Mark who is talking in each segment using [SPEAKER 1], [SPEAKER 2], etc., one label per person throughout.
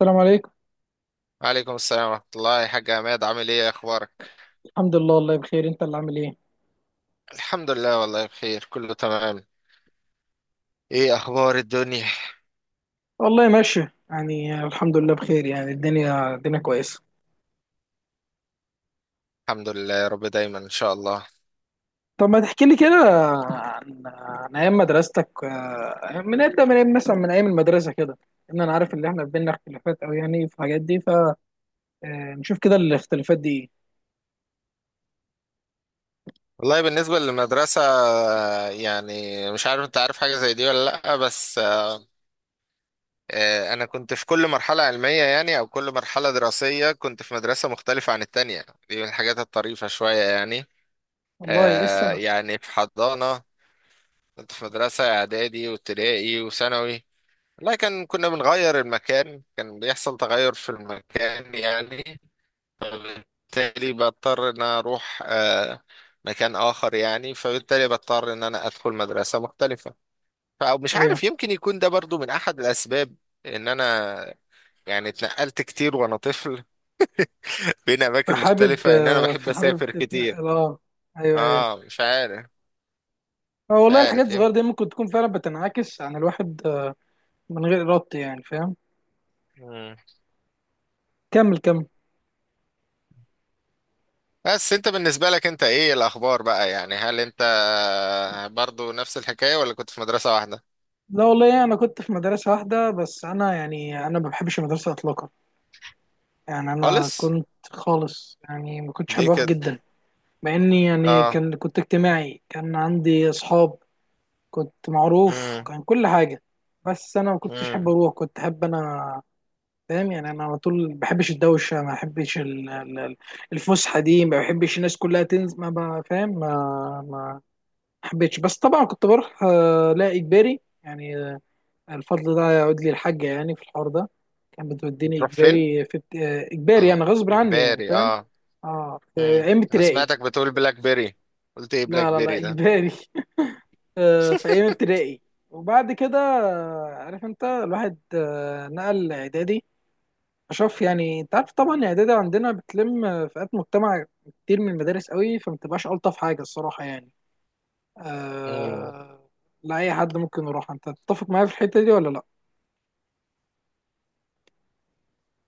[SPEAKER 1] السلام عليكم.
[SPEAKER 2] وعليكم السلام ورحمة الله يا حاج عماد، عامل ايه؟ اخبارك؟
[SPEAKER 1] الحمد لله، والله بخير. انت اللي عامل ايه؟
[SPEAKER 2] الحمد لله، والله بخير، كله تمام. ايه اخبار الدنيا؟
[SPEAKER 1] والله ماشي يعني الحمد لله بخير. يعني الدنيا الدنيا كويسه.
[SPEAKER 2] الحمد لله يا رب دايما ان شاء الله.
[SPEAKER 1] طب ما تحكي لي كده عن ايام مدرستك. من ايام مثلا من ايام المدرسه كده. ان انا عارف ان احنا بينا اختلافات او يعني في الحاجات دي، فنشوف كده الاختلافات دي ايه.
[SPEAKER 2] والله بالنسبة للمدرسة يعني، مش عارف انت عارف حاجة زي دي ولا لأ، بس انا كنت في كل مرحلة علمية يعني، او كل مرحلة دراسية كنت في مدرسة مختلفة عن التانية. دي من الحاجات الطريفة شوية يعني.
[SPEAKER 1] والله ايه السبب؟
[SPEAKER 2] يعني في حضانة، كنت في مدرسة اعدادي وابتدائي وثانوي. والله كنا بنغير المكان، كان بيحصل تغير في المكان يعني، فبالتالي بضطر ان أنا اروح مكان اخر يعني، فبالتالي بضطر ان انا ادخل مدرسة مختلفة. فمش
[SPEAKER 1] ايوه.
[SPEAKER 2] عارف، يمكن يكون ده برضو من احد الاسباب، ان انا يعني اتنقلت كتير وانا طفل بين اماكن مختلفة. ان انا بحب
[SPEAKER 1] فحابب
[SPEAKER 2] اسافر كتير.
[SPEAKER 1] تتنقل، اه. ايوه، ايوه.
[SPEAKER 2] اه مش عارف.
[SPEAKER 1] اه
[SPEAKER 2] مش
[SPEAKER 1] والله الحاجات
[SPEAKER 2] عارف،
[SPEAKER 1] الصغيره دي ممكن تكون فعلا بتنعكس عن الواحد، من غير ارادته يعني. فاهم.
[SPEAKER 2] يمكن.
[SPEAKER 1] كمل، كمل.
[SPEAKER 2] بس انت بالنسبة لك انت ايه الاخبار بقى يعني؟ هل انت برضو نفس الحكاية ولا كنت في مدرسة واحدة؟
[SPEAKER 1] لا والله، انا كنت في مدرسه واحده، بس انا يعني انا ما بحبش المدرسه اطلاقا. يعني انا
[SPEAKER 2] خالص؟
[SPEAKER 1] كنت خالص يعني ما كنتش حابب
[SPEAKER 2] ليه
[SPEAKER 1] اروح
[SPEAKER 2] كده؟
[SPEAKER 1] جدا. مع اني يعني
[SPEAKER 2] اه.
[SPEAKER 1] كنت اجتماعي، كان عندي اصحاب، كنت معروف،
[SPEAKER 2] امم.
[SPEAKER 1] كان كل حاجه. بس انا ما كنتش حابب
[SPEAKER 2] امم.
[SPEAKER 1] اروح، كنت حابب انا. فاهم يعني انا على طول ما بحبش الدوشه، ما بحبش الفسحه دي، ما بحبش الناس كلها تنزل. ما بقى- فاهم؟ ما حبيتش. بس طبعا كنت بروح، لا اجباري يعني. الفضل ده يعود لي الحاجة يعني في الحوار ده. كانت بتوديني
[SPEAKER 2] بتروح فين؟
[SPEAKER 1] إجباري في ابت- آه، إجباري يعني
[SPEAKER 2] اه
[SPEAKER 1] غصب عني يعني.
[SPEAKER 2] اجباري
[SPEAKER 1] فاهم؟
[SPEAKER 2] اه.
[SPEAKER 1] اه في
[SPEAKER 2] امم،
[SPEAKER 1] أيام
[SPEAKER 2] انا
[SPEAKER 1] ابتدائي.
[SPEAKER 2] سمعتك بتقول بلاك بيري، قلت ايه
[SPEAKER 1] لا
[SPEAKER 2] بلاك
[SPEAKER 1] لا لا
[SPEAKER 2] بيري ده؟
[SPEAKER 1] إجباري في أيام ابتدائي. وبعد كده عارف أنت الواحد نقل إعدادي. أشوف يعني أنت عارف طبعا الإعدادي عندنا بتلم فئات مجتمع كتير من المدارس قوي، فما بتبقاش ألطف حاجة الصراحة يعني.
[SPEAKER 2] مم.
[SPEAKER 1] آه، لا، أي حد ممكن يروح. أنت تتفق معايا في الحتة دي ولا لأ؟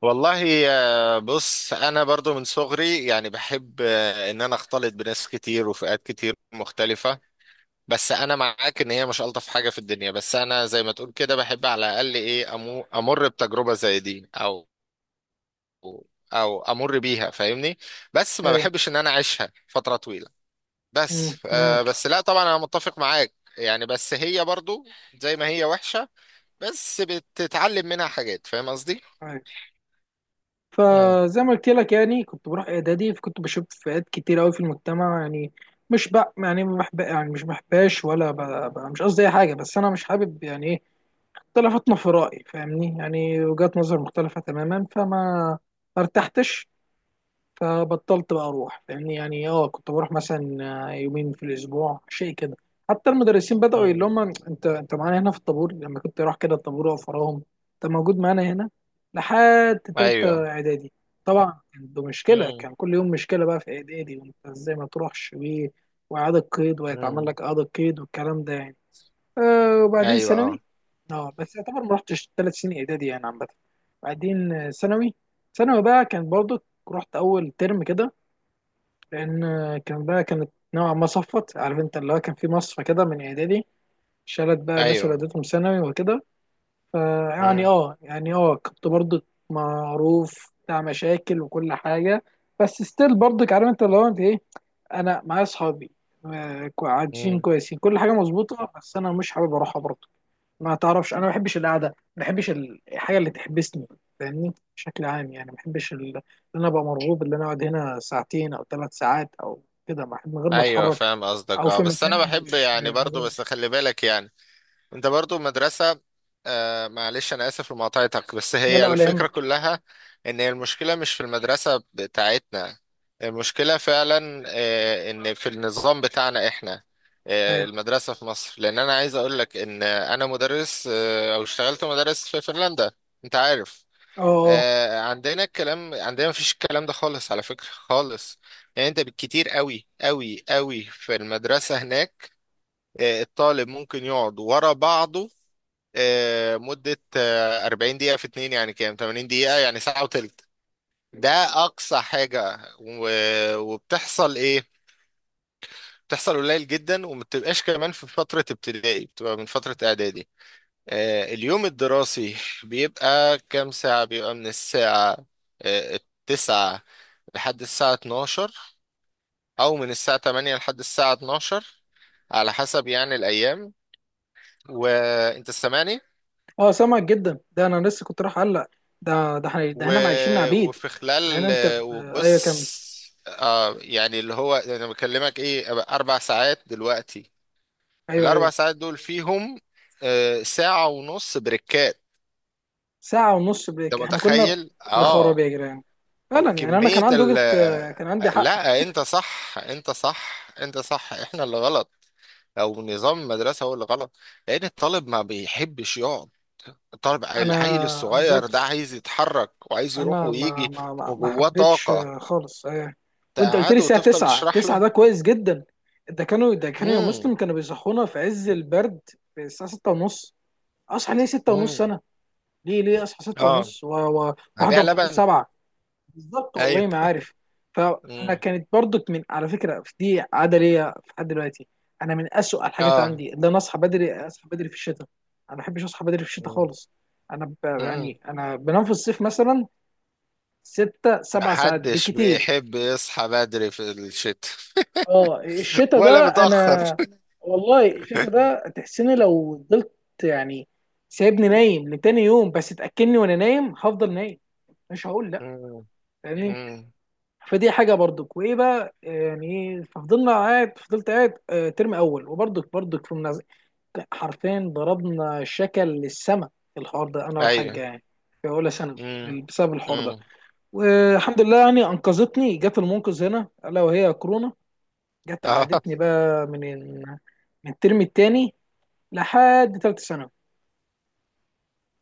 [SPEAKER 2] والله بص، انا برضو من صغري يعني بحب ان انا اختلط بناس كتير وفئات كتير مختلفة. بس انا معاك ان هي مش الطف حاجه في الدنيا، بس انا زي ما تقول كده بحب على الاقل ايه، امر بتجربه زي دي، او او امر بيها، فاهمني. بس ما
[SPEAKER 1] أيوه.
[SPEAKER 2] بحبش ان انا اعيشها فتره طويله. بس
[SPEAKER 1] أمم،
[SPEAKER 2] آه،
[SPEAKER 1] معاك.
[SPEAKER 2] بس لا طبعا انا متفق معاك يعني، بس هي برضو زي ما هي وحشه، بس بتتعلم منها حاجات، فاهم قصدي؟ مم.
[SPEAKER 1] فزي ما قلت لك يعني كنت بروح اعدادي، فكنت بشوف فئات كتير قوي في المجتمع يعني. مش بق يعني ما بحب يعني مش بحباش ولا مش قصدي اي حاجه، بس انا مش حابب يعني ايه اختلافاتنا في رايي. فاهمني يعني وجهات نظر مختلفه تماما، فما ارتحتش. فبطلت بقى اروح. فاهمني يعني. اه كنت بروح مثلا يومين في الاسبوع، شيء كده. حتى المدرسين بدأوا يقولوا
[SPEAKER 2] مم.
[SPEAKER 1] لهم: انت معانا هنا في الطابور. لما كنت اروح كده الطابور واقف وراهم: انت موجود معانا هنا. لحد تالتة
[SPEAKER 2] ايوه.
[SPEAKER 1] اعدادي. طبعا كان ده مشكلة،
[SPEAKER 2] مم.
[SPEAKER 1] كان كل يوم مشكلة بقى في اعدادي، وانت ازاي ما تروحش واعادة قيد، ويتعمل
[SPEAKER 2] مم.
[SPEAKER 1] لك اعادة قيد والكلام ده يعني. آه وبعدين
[SPEAKER 2] ايوه.
[SPEAKER 1] ثانوي.
[SPEAKER 2] اه.
[SPEAKER 1] اه بس يعتبر ما رحتش 3 سنين اعدادي يعني عامه. بعدين ثانوي. ثانوي بقى كان برضه. رحت اول ترم كده، لان كان بقى كانت نوعا ما صفت، عارف انت اللي هو كان في مصفى كده من اعدادي. شالت بقى الناس اللي
[SPEAKER 2] ايوه.
[SPEAKER 1] اديتهم ثانوي وكده. فيعني
[SPEAKER 2] مم.
[SPEAKER 1] اه يعني اه كنت برضك معروف بتاع مشاكل وكل حاجه. بس ستيل برضك عارف انت اللي هو انت ايه. انا معايا اصحابي، عايشين
[SPEAKER 2] مم.
[SPEAKER 1] كويسين كل حاجه مظبوطه، بس انا مش حابب اروحها برضه. ما تعرفش انا ما بحبش القعده، ما بحبش الحاجه اللي تحبسني. فاهمني بشكل عام يعني ما بحبش ان انا ابقى مرغوب ان انا اقعد هنا ساعتين او 3 ساعات او كده من غير ما
[SPEAKER 2] ايوه،
[SPEAKER 1] اتحرك،
[SPEAKER 2] فاهم قصدك
[SPEAKER 1] او
[SPEAKER 2] اه.
[SPEAKER 1] في
[SPEAKER 2] بس
[SPEAKER 1] مكان
[SPEAKER 2] انا
[SPEAKER 1] انا
[SPEAKER 2] بحب
[SPEAKER 1] مش
[SPEAKER 2] يعني
[SPEAKER 1] عايز
[SPEAKER 2] برضو،
[SPEAKER 1] اقعد
[SPEAKER 2] بس
[SPEAKER 1] فيه.
[SPEAKER 2] خلي بالك يعني، انت برضو مدرسة. آه، معلش انا اسف لمقاطعتك، بس
[SPEAKER 1] لا
[SPEAKER 2] هي
[SPEAKER 1] لا ولا
[SPEAKER 2] الفكرة
[SPEAKER 1] يهمك.
[SPEAKER 2] كلها ان هي المشكلة مش في المدرسة بتاعتنا، المشكلة فعلا آه، ان في النظام بتاعنا احنا، آه،
[SPEAKER 1] اه،
[SPEAKER 2] المدرسة في مصر، لان انا عايز اقول لك ان انا مدرس، آه، او اشتغلت مدرس في فنلندا. انت عارف،
[SPEAKER 1] اه، آه.
[SPEAKER 2] آه، عندنا الكلام، عندنا مفيش الكلام ده خالص على فكرة، خالص. يعني انت بالكتير قوي قوي قوي في المدرسة هناك، الطالب ممكن يقعد ورا بعضه مدة 40 دقيقة في اتنين، يعني كام؟ 80 دقيقة، يعني ساعة وتلت. ده أقصى حاجة، وبتحصل إيه؟ بتحصل قليل جدا، وما بتبقاش كمان في فترة ابتدائي، بتبقى من فترة إعدادي. اليوم الدراسي بيبقى كام ساعة؟ بيبقى من الساعة التسعة لحد الساعة 12، أو من الساعة 8 لحد الساعة 12، على حسب يعني الأيام. وأنت سامعني؟
[SPEAKER 1] اه سامعك جدا. ده انا لسه كنت راح اقلق. ده احنا ده
[SPEAKER 2] و...
[SPEAKER 1] هنا عايشين عبيد.
[SPEAKER 2] وفي
[SPEAKER 1] ده هنا
[SPEAKER 2] خلال،
[SPEAKER 1] انت ايوه
[SPEAKER 2] وبص،
[SPEAKER 1] كمل.
[SPEAKER 2] آه، يعني اللي هو انا بكلمك ايه، أبقى اربع ساعات دلوقتي،
[SPEAKER 1] ايوه،
[SPEAKER 2] الاربع
[SPEAKER 1] ايوه.
[SPEAKER 2] ساعات دول فيهم آه ساعة ونص بريكات،
[SPEAKER 1] ساعه ونص
[SPEAKER 2] انت
[SPEAKER 1] بريك؟ احنا كنا
[SPEAKER 2] متخيل؟
[SPEAKER 1] يا خراب
[SPEAKER 2] اه،
[SPEAKER 1] يا جيران.
[SPEAKER 2] يعني
[SPEAKER 1] فعلا يعني انا كان
[SPEAKER 2] كمية
[SPEAKER 1] عندي
[SPEAKER 2] ال
[SPEAKER 1] وجهه، كان عندي
[SPEAKER 2] آه،
[SPEAKER 1] حق.
[SPEAKER 2] لا انت صح، انت صح، انت صح، احنا اللي غلط، او نظام المدرسة هو اللي غلط. لان الطالب ما بيحبش يقعد، الطالب العيل
[SPEAKER 1] انا
[SPEAKER 2] الصغير ده
[SPEAKER 1] بالظبط.
[SPEAKER 2] عايز يتحرك وعايز يروح
[SPEAKER 1] انا ما
[SPEAKER 2] ويجي،
[SPEAKER 1] ما ما ما
[SPEAKER 2] وجواه
[SPEAKER 1] حبيتش
[SPEAKER 2] طاقة،
[SPEAKER 1] خالص وانت قلت لي
[SPEAKER 2] تقعده
[SPEAKER 1] الساعه
[SPEAKER 2] وتفضل
[SPEAKER 1] 9؟
[SPEAKER 2] تشرح
[SPEAKER 1] 9
[SPEAKER 2] له.
[SPEAKER 1] ده كويس جدا. ده كانوا يا
[SPEAKER 2] امم.
[SPEAKER 1] مسلم كانوا بيصحونا في عز البرد في الساعه 6 ونص. اصحى ليه 6 ونص
[SPEAKER 2] امم.
[SPEAKER 1] انا؟ ليه اصحى 6
[SPEAKER 2] اه،
[SPEAKER 1] ونص و-
[SPEAKER 2] هبيع
[SPEAKER 1] واحضر طابور
[SPEAKER 2] لبن.
[SPEAKER 1] 7؟ بالظبط،
[SPEAKER 2] ايوه.
[SPEAKER 1] والله ما عارف. فانا
[SPEAKER 2] امم.
[SPEAKER 1] كانت برضك من على فكره في دي عاده ليا لحد دلوقتي. انا من اسوء الحاجات
[SPEAKER 2] اه.
[SPEAKER 1] عندي ان انا اصحى بدري. اصحى بدري في الشتاء، انا ما بحبش اصحى بدري في الشتاء خالص. انا
[SPEAKER 2] امم.
[SPEAKER 1] يعني انا بنام في الصيف مثلا ستة سبع ساعات
[SPEAKER 2] محدش
[SPEAKER 1] بكتير.
[SPEAKER 2] بيحب يصحى بدري في الشتاء.
[SPEAKER 1] اه الشتاء
[SPEAKER 2] ولا
[SPEAKER 1] ده،
[SPEAKER 2] متأخر.
[SPEAKER 1] انا والله الشتاء ده تحسني لو فضلت يعني سايبني نايم لتاني يوم. بس تاكلني وانا نايم هفضل نايم، مش هقول لا.
[SPEAKER 2] امم.
[SPEAKER 1] فاهمني.
[SPEAKER 2] امم.
[SPEAKER 1] فدي حاجه برضك. وايه بقى يعني ايه؟ ففضلنا قاعد فضلت قاعد ترم اول. وبرضك في منازع. حرفيا ضربنا شكل للسما في الحوار ده انا والحاجه
[SPEAKER 2] ايوه.
[SPEAKER 1] يعني في اولى ثانوي
[SPEAKER 2] امم.
[SPEAKER 1] بسبب الحوار ده.
[SPEAKER 2] امم.
[SPEAKER 1] والحمد لله يعني انقذتني، جت المنقذ هنا الا وهي كورونا. جت
[SPEAKER 2] اه،
[SPEAKER 1] قعدتني بقى من من الترم الثاني لحد ثالثه ثانوي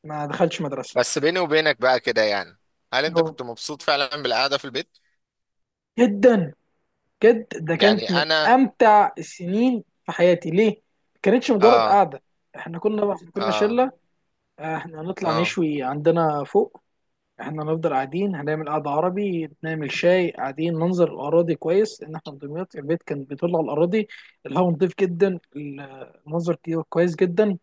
[SPEAKER 1] ما دخلتش مدرسه.
[SPEAKER 2] بس بيني وبينك بقى كده يعني، هل انت
[SPEAKER 1] أهو.
[SPEAKER 2] كنت مبسوط فعلا بالقعدة في البيت؟
[SPEAKER 1] جدا. بجد ده كانت
[SPEAKER 2] يعني
[SPEAKER 1] من
[SPEAKER 2] انا.
[SPEAKER 1] امتع السنين في حياتي. ليه؟ ما كانتش مجرد
[SPEAKER 2] اه.
[SPEAKER 1] قعده. احنا كنا
[SPEAKER 2] اه.
[SPEAKER 1] شله. احنا هنطلع
[SPEAKER 2] اه.
[SPEAKER 1] نشوي عندنا فوق. احنا هنفضل قاعدين، هنعمل قعده عربي، نعمل شاي، قاعدين ننظر الاراضي كويس، لان احنا في دمياط البيت كان بيطل على الاراضي. الهواء نضيف جدا، المنظر كويس جدا.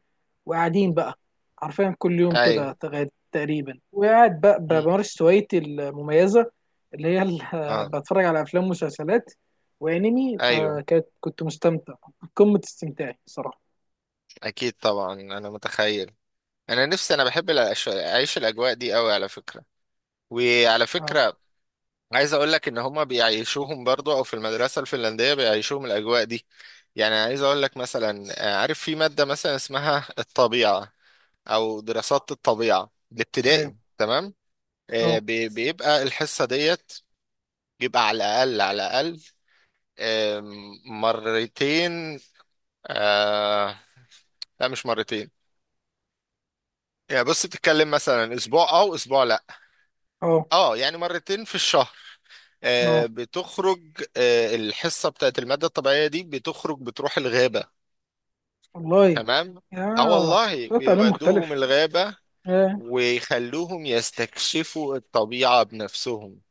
[SPEAKER 1] وقاعدين بقى حرفيا كل يوم كده
[SPEAKER 2] ايوه.
[SPEAKER 1] تقريبا وقاعد بقى
[SPEAKER 2] مم.
[SPEAKER 1] بمارس هوايتي المميزة، اللي هي
[SPEAKER 2] اه.
[SPEAKER 1] بتفرج على أفلام ومسلسلات وأنمي.
[SPEAKER 2] ايوه.
[SPEAKER 1] فكنت مستمتع. قمة استمتاعي صراحة.
[SPEAKER 2] اكيد طبعا، انا متخيل. انا نفسي، انا بحب اعيش الاجواء دي قوي على فكره. وعلى
[SPEAKER 1] اه،
[SPEAKER 2] فكره، عايز اقول لك ان هما بيعيشوهم برضو، او في المدرسه الفنلنديه بيعيشوهم الاجواء دي. يعني عايز اقول لك مثلا، عارف في ماده مثلا اسمها الطبيعه، او دراسات الطبيعه
[SPEAKER 1] ايوه،
[SPEAKER 2] الابتدائي، تمام؟
[SPEAKER 1] اه،
[SPEAKER 2] بيبقى الحصه ديت، بيبقى على الاقل آم، مرتين، آه، لا مش مرتين، يعني بص بتتكلم مثلا اسبوع او اسبوع لا،
[SPEAKER 1] اه،
[SPEAKER 2] اه يعني مرتين في الشهر.
[SPEAKER 1] اه
[SPEAKER 2] بتخرج، الحصة بتاعت المادة الطبيعية دي بتخرج بتروح الغابة،
[SPEAKER 1] والله
[SPEAKER 2] تمام؟ اه
[SPEAKER 1] يا
[SPEAKER 2] والله،
[SPEAKER 1] ده تعليم
[SPEAKER 2] بيودوهم
[SPEAKER 1] مختلف.
[SPEAKER 2] الغابة،
[SPEAKER 1] آه.
[SPEAKER 2] ويخلوهم يستكشفوا الطبيعة بنفسهم.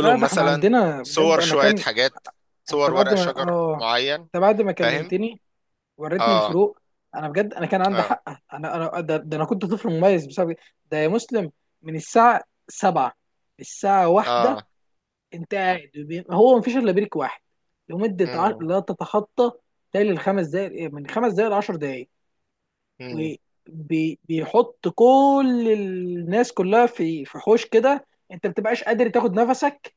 [SPEAKER 1] لا ده احنا
[SPEAKER 2] مثلا
[SPEAKER 1] عندنا بجد
[SPEAKER 2] صور
[SPEAKER 1] انا
[SPEAKER 2] شوية
[SPEAKER 1] كان.
[SPEAKER 2] حاجات،
[SPEAKER 1] انت
[SPEAKER 2] صور
[SPEAKER 1] بعد
[SPEAKER 2] ورق
[SPEAKER 1] ما
[SPEAKER 2] شجر
[SPEAKER 1] اه
[SPEAKER 2] معين،
[SPEAKER 1] انت بعد ما
[SPEAKER 2] فاهم؟
[SPEAKER 1] كلمتني وريتني
[SPEAKER 2] اه.
[SPEAKER 1] الفروق، انا بجد انا كان عندي
[SPEAKER 2] اه.
[SPEAKER 1] حق. انا ده انا كنت طفل مميز بسبب كده. ده يا مسلم من الساعه 7 للساعه 1
[SPEAKER 2] اه.
[SPEAKER 1] انت قاعد، هو مفيش الا بريك واحد لمده
[SPEAKER 2] مم.
[SPEAKER 1] لا تتخطى تالي الخمس دقائق، إيه، من 5 دقائق ل 10 دقائق.
[SPEAKER 2] مم.
[SPEAKER 1] وبيحط كل الناس كلها في حوش كده. انت ما بتبقاش قادر تاخد نفسك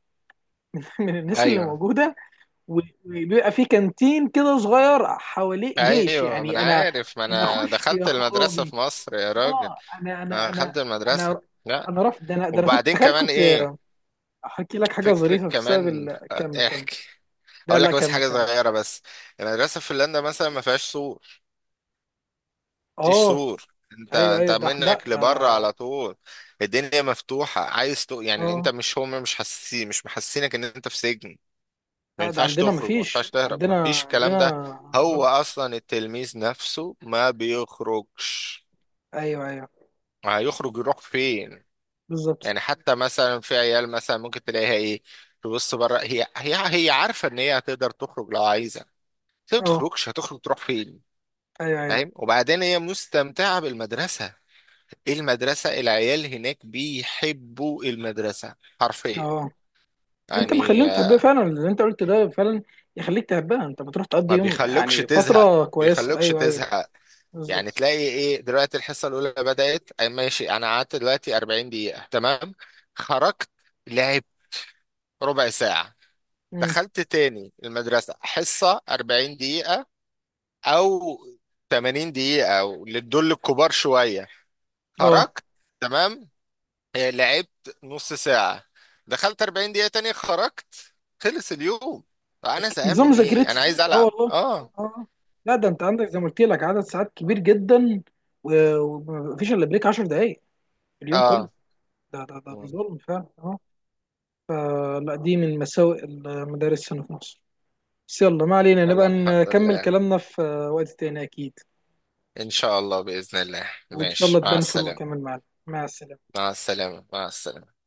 [SPEAKER 1] من الناس اللي
[SPEAKER 2] ايوه.
[SPEAKER 1] موجوده. و- وبيبقى في كانتين كده صغير حواليه جيش
[SPEAKER 2] ايوه، ما
[SPEAKER 1] يعني
[SPEAKER 2] انا
[SPEAKER 1] انا.
[SPEAKER 2] عارف، ما
[SPEAKER 1] انا
[SPEAKER 2] انا
[SPEAKER 1] اخش يا
[SPEAKER 2] دخلت المدرسة
[SPEAKER 1] خرابي.
[SPEAKER 2] في مصر يا راجل،
[SPEAKER 1] اه
[SPEAKER 2] ما انا دخلت المدرسة،
[SPEAKER 1] انا
[SPEAKER 2] لا.
[SPEAKER 1] انا رافض ده. انا ده انا كنت
[SPEAKER 2] وبعدين
[SPEAKER 1] تخيل،
[SPEAKER 2] كمان
[SPEAKER 1] كنت
[SPEAKER 2] ايه
[SPEAKER 1] احكي لك حاجه
[SPEAKER 2] فكرة
[SPEAKER 1] ظريفه بسبب
[SPEAKER 2] كمان،
[SPEAKER 1] كمل، كمل.
[SPEAKER 2] احكي.
[SPEAKER 1] لا
[SPEAKER 2] هقول
[SPEAKER 1] لا،
[SPEAKER 2] لك بس
[SPEAKER 1] كمل
[SPEAKER 2] حاجة
[SPEAKER 1] كمل.
[SPEAKER 2] صغيرة بس، المدرسة في فنلندا مثلا ما فيهاش سور. مفيش
[SPEAKER 1] اه،
[SPEAKER 2] سور، انت
[SPEAKER 1] ايوه،
[SPEAKER 2] انت
[SPEAKER 1] ايوه. ده لا
[SPEAKER 2] منك
[SPEAKER 1] ده.
[SPEAKER 2] لبره على طول، الدنيا مفتوحة، عايز يعني انت
[SPEAKER 1] اه
[SPEAKER 2] مش، هم مش حاسين، مش محسينك ان انت في سجن، ما
[SPEAKER 1] لا ده
[SPEAKER 2] ينفعش
[SPEAKER 1] عندنا
[SPEAKER 2] تخرج، ما ينفعش
[SPEAKER 1] مفيش
[SPEAKER 2] تهرب، ما
[SPEAKER 1] عندنا
[SPEAKER 2] فيش الكلام ده.
[SPEAKER 1] لا
[SPEAKER 2] هو
[SPEAKER 1] لا.
[SPEAKER 2] اصلا التلميذ نفسه ما بيخرجش،
[SPEAKER 1] ايوه، ايوه.
[SPEAKER 2] هيخرج يروح فين؟
[SPEAKER 1] بالظبط.
[SPEAKER 2] يعني حتى مثلا في عيال مثلا ممكن تلاقيها ايه، تبص بره، هي عارفه ان هي هتقدر تخرج لو عايزه، بس هي ما
[SPEAKER 1] اه،
[SPEAKER 2] تخرجش، هتخرج تروح فين؟
[SPEAKER 1] ايوه، ايوه.
[SPEAKER 2] فاهم؟ وبعدين هي مستمتعه بالمدرسه. إيه المدرسه، العيال هناك بيحبوا المدرسه حرفيا.
[SPEAKER 1] اه انت
[SPEAKER 2] يعني
[SPEAKER 1] مخليهم تحبها
[SPEAKER 2] آه،
[SPEAKER 1] فعلا، اللي انت قلت ده فعلا يخليك تحبها. انت بتروح تقضي
[SPEAKER 2] ما
[SPEAKER 1] يوم
[SPEAKER 2] بيخلوكش
[SPEAKER 1] يعني
[SPEAKER 2] تزهق
[SPEAKER 1] فتره
[SPEAKER 2] ما
[SPEAKER 1] كويسه.
[SPEAKER 2] بيخلوكش
[SPEAKER 1] ايوه، ايوه.
[SPEAKER 2] تزهق يعني
[SPEAKER 1] بالظبط.
[SPEAKER 2] تلاقي ايه دلوقتي، الحصه الاولى بدات، أي ماشي، انا قعدت دلوقتي 40 دقيقه، تمام، خرجت، لعب ربع ساعه،
[SPEAKER 1] امم.
[SPEAKER 2] دخلت تاني المدرسة، حصة 40 دقيقة أو 80 دقيقة أو للدول الكبار شوية،
[SPEAKER 1] اه
[SPEAKER 2] خرجت، تمام، لعبت نص ساعة، دخلت 40 دقيقة تاني، خرجت، خلص اليوم. فأنا زهقان
[SPEAKER 1] نظام
[SPEAKER 2] من إيه؟ أنا
[SPEAKER 1] مذاكرتي.
[SPEAKER 2] عايز
[SPEAKER 1] اه
[SPEAKER 2] ألعب.
[SPEAKER 1] والله.
[SPEAKER 2] آه.
[SPEAKER 1] اه آه. لا ده انت عندك زي ما قلت لك عدد ساعات كبير جدا، ومفيش الا بريك 10 دقائق في اليوم كله.
[SPEAKER 2] آه
[SPEAKER 1] ده ظلم فعلا اه. فلا دي من مساوئ المدارس هنا في مصر. بس يلا، ما علينا، نبقى
[SPEAKER 2] يلا الحمد
[SPEAKER 1] نكمل
[SPEAKER 2] لله.
[SPEAKER 1] كلامنا في وقت تاني اكيد.
[SPEAKER 2] إن شاء الله بإذن الله،
[SPEAKER 1] وان شاء الله
[SPEAKER 2] ماشي، مع
[SPEAKER 1] تبان فروق
[SPEAKER 2] السلامة.
[SPEAKER 1] كمان معانا. مع السلامه.
[SPEAKER 2] مع السلامة. مع السلامة.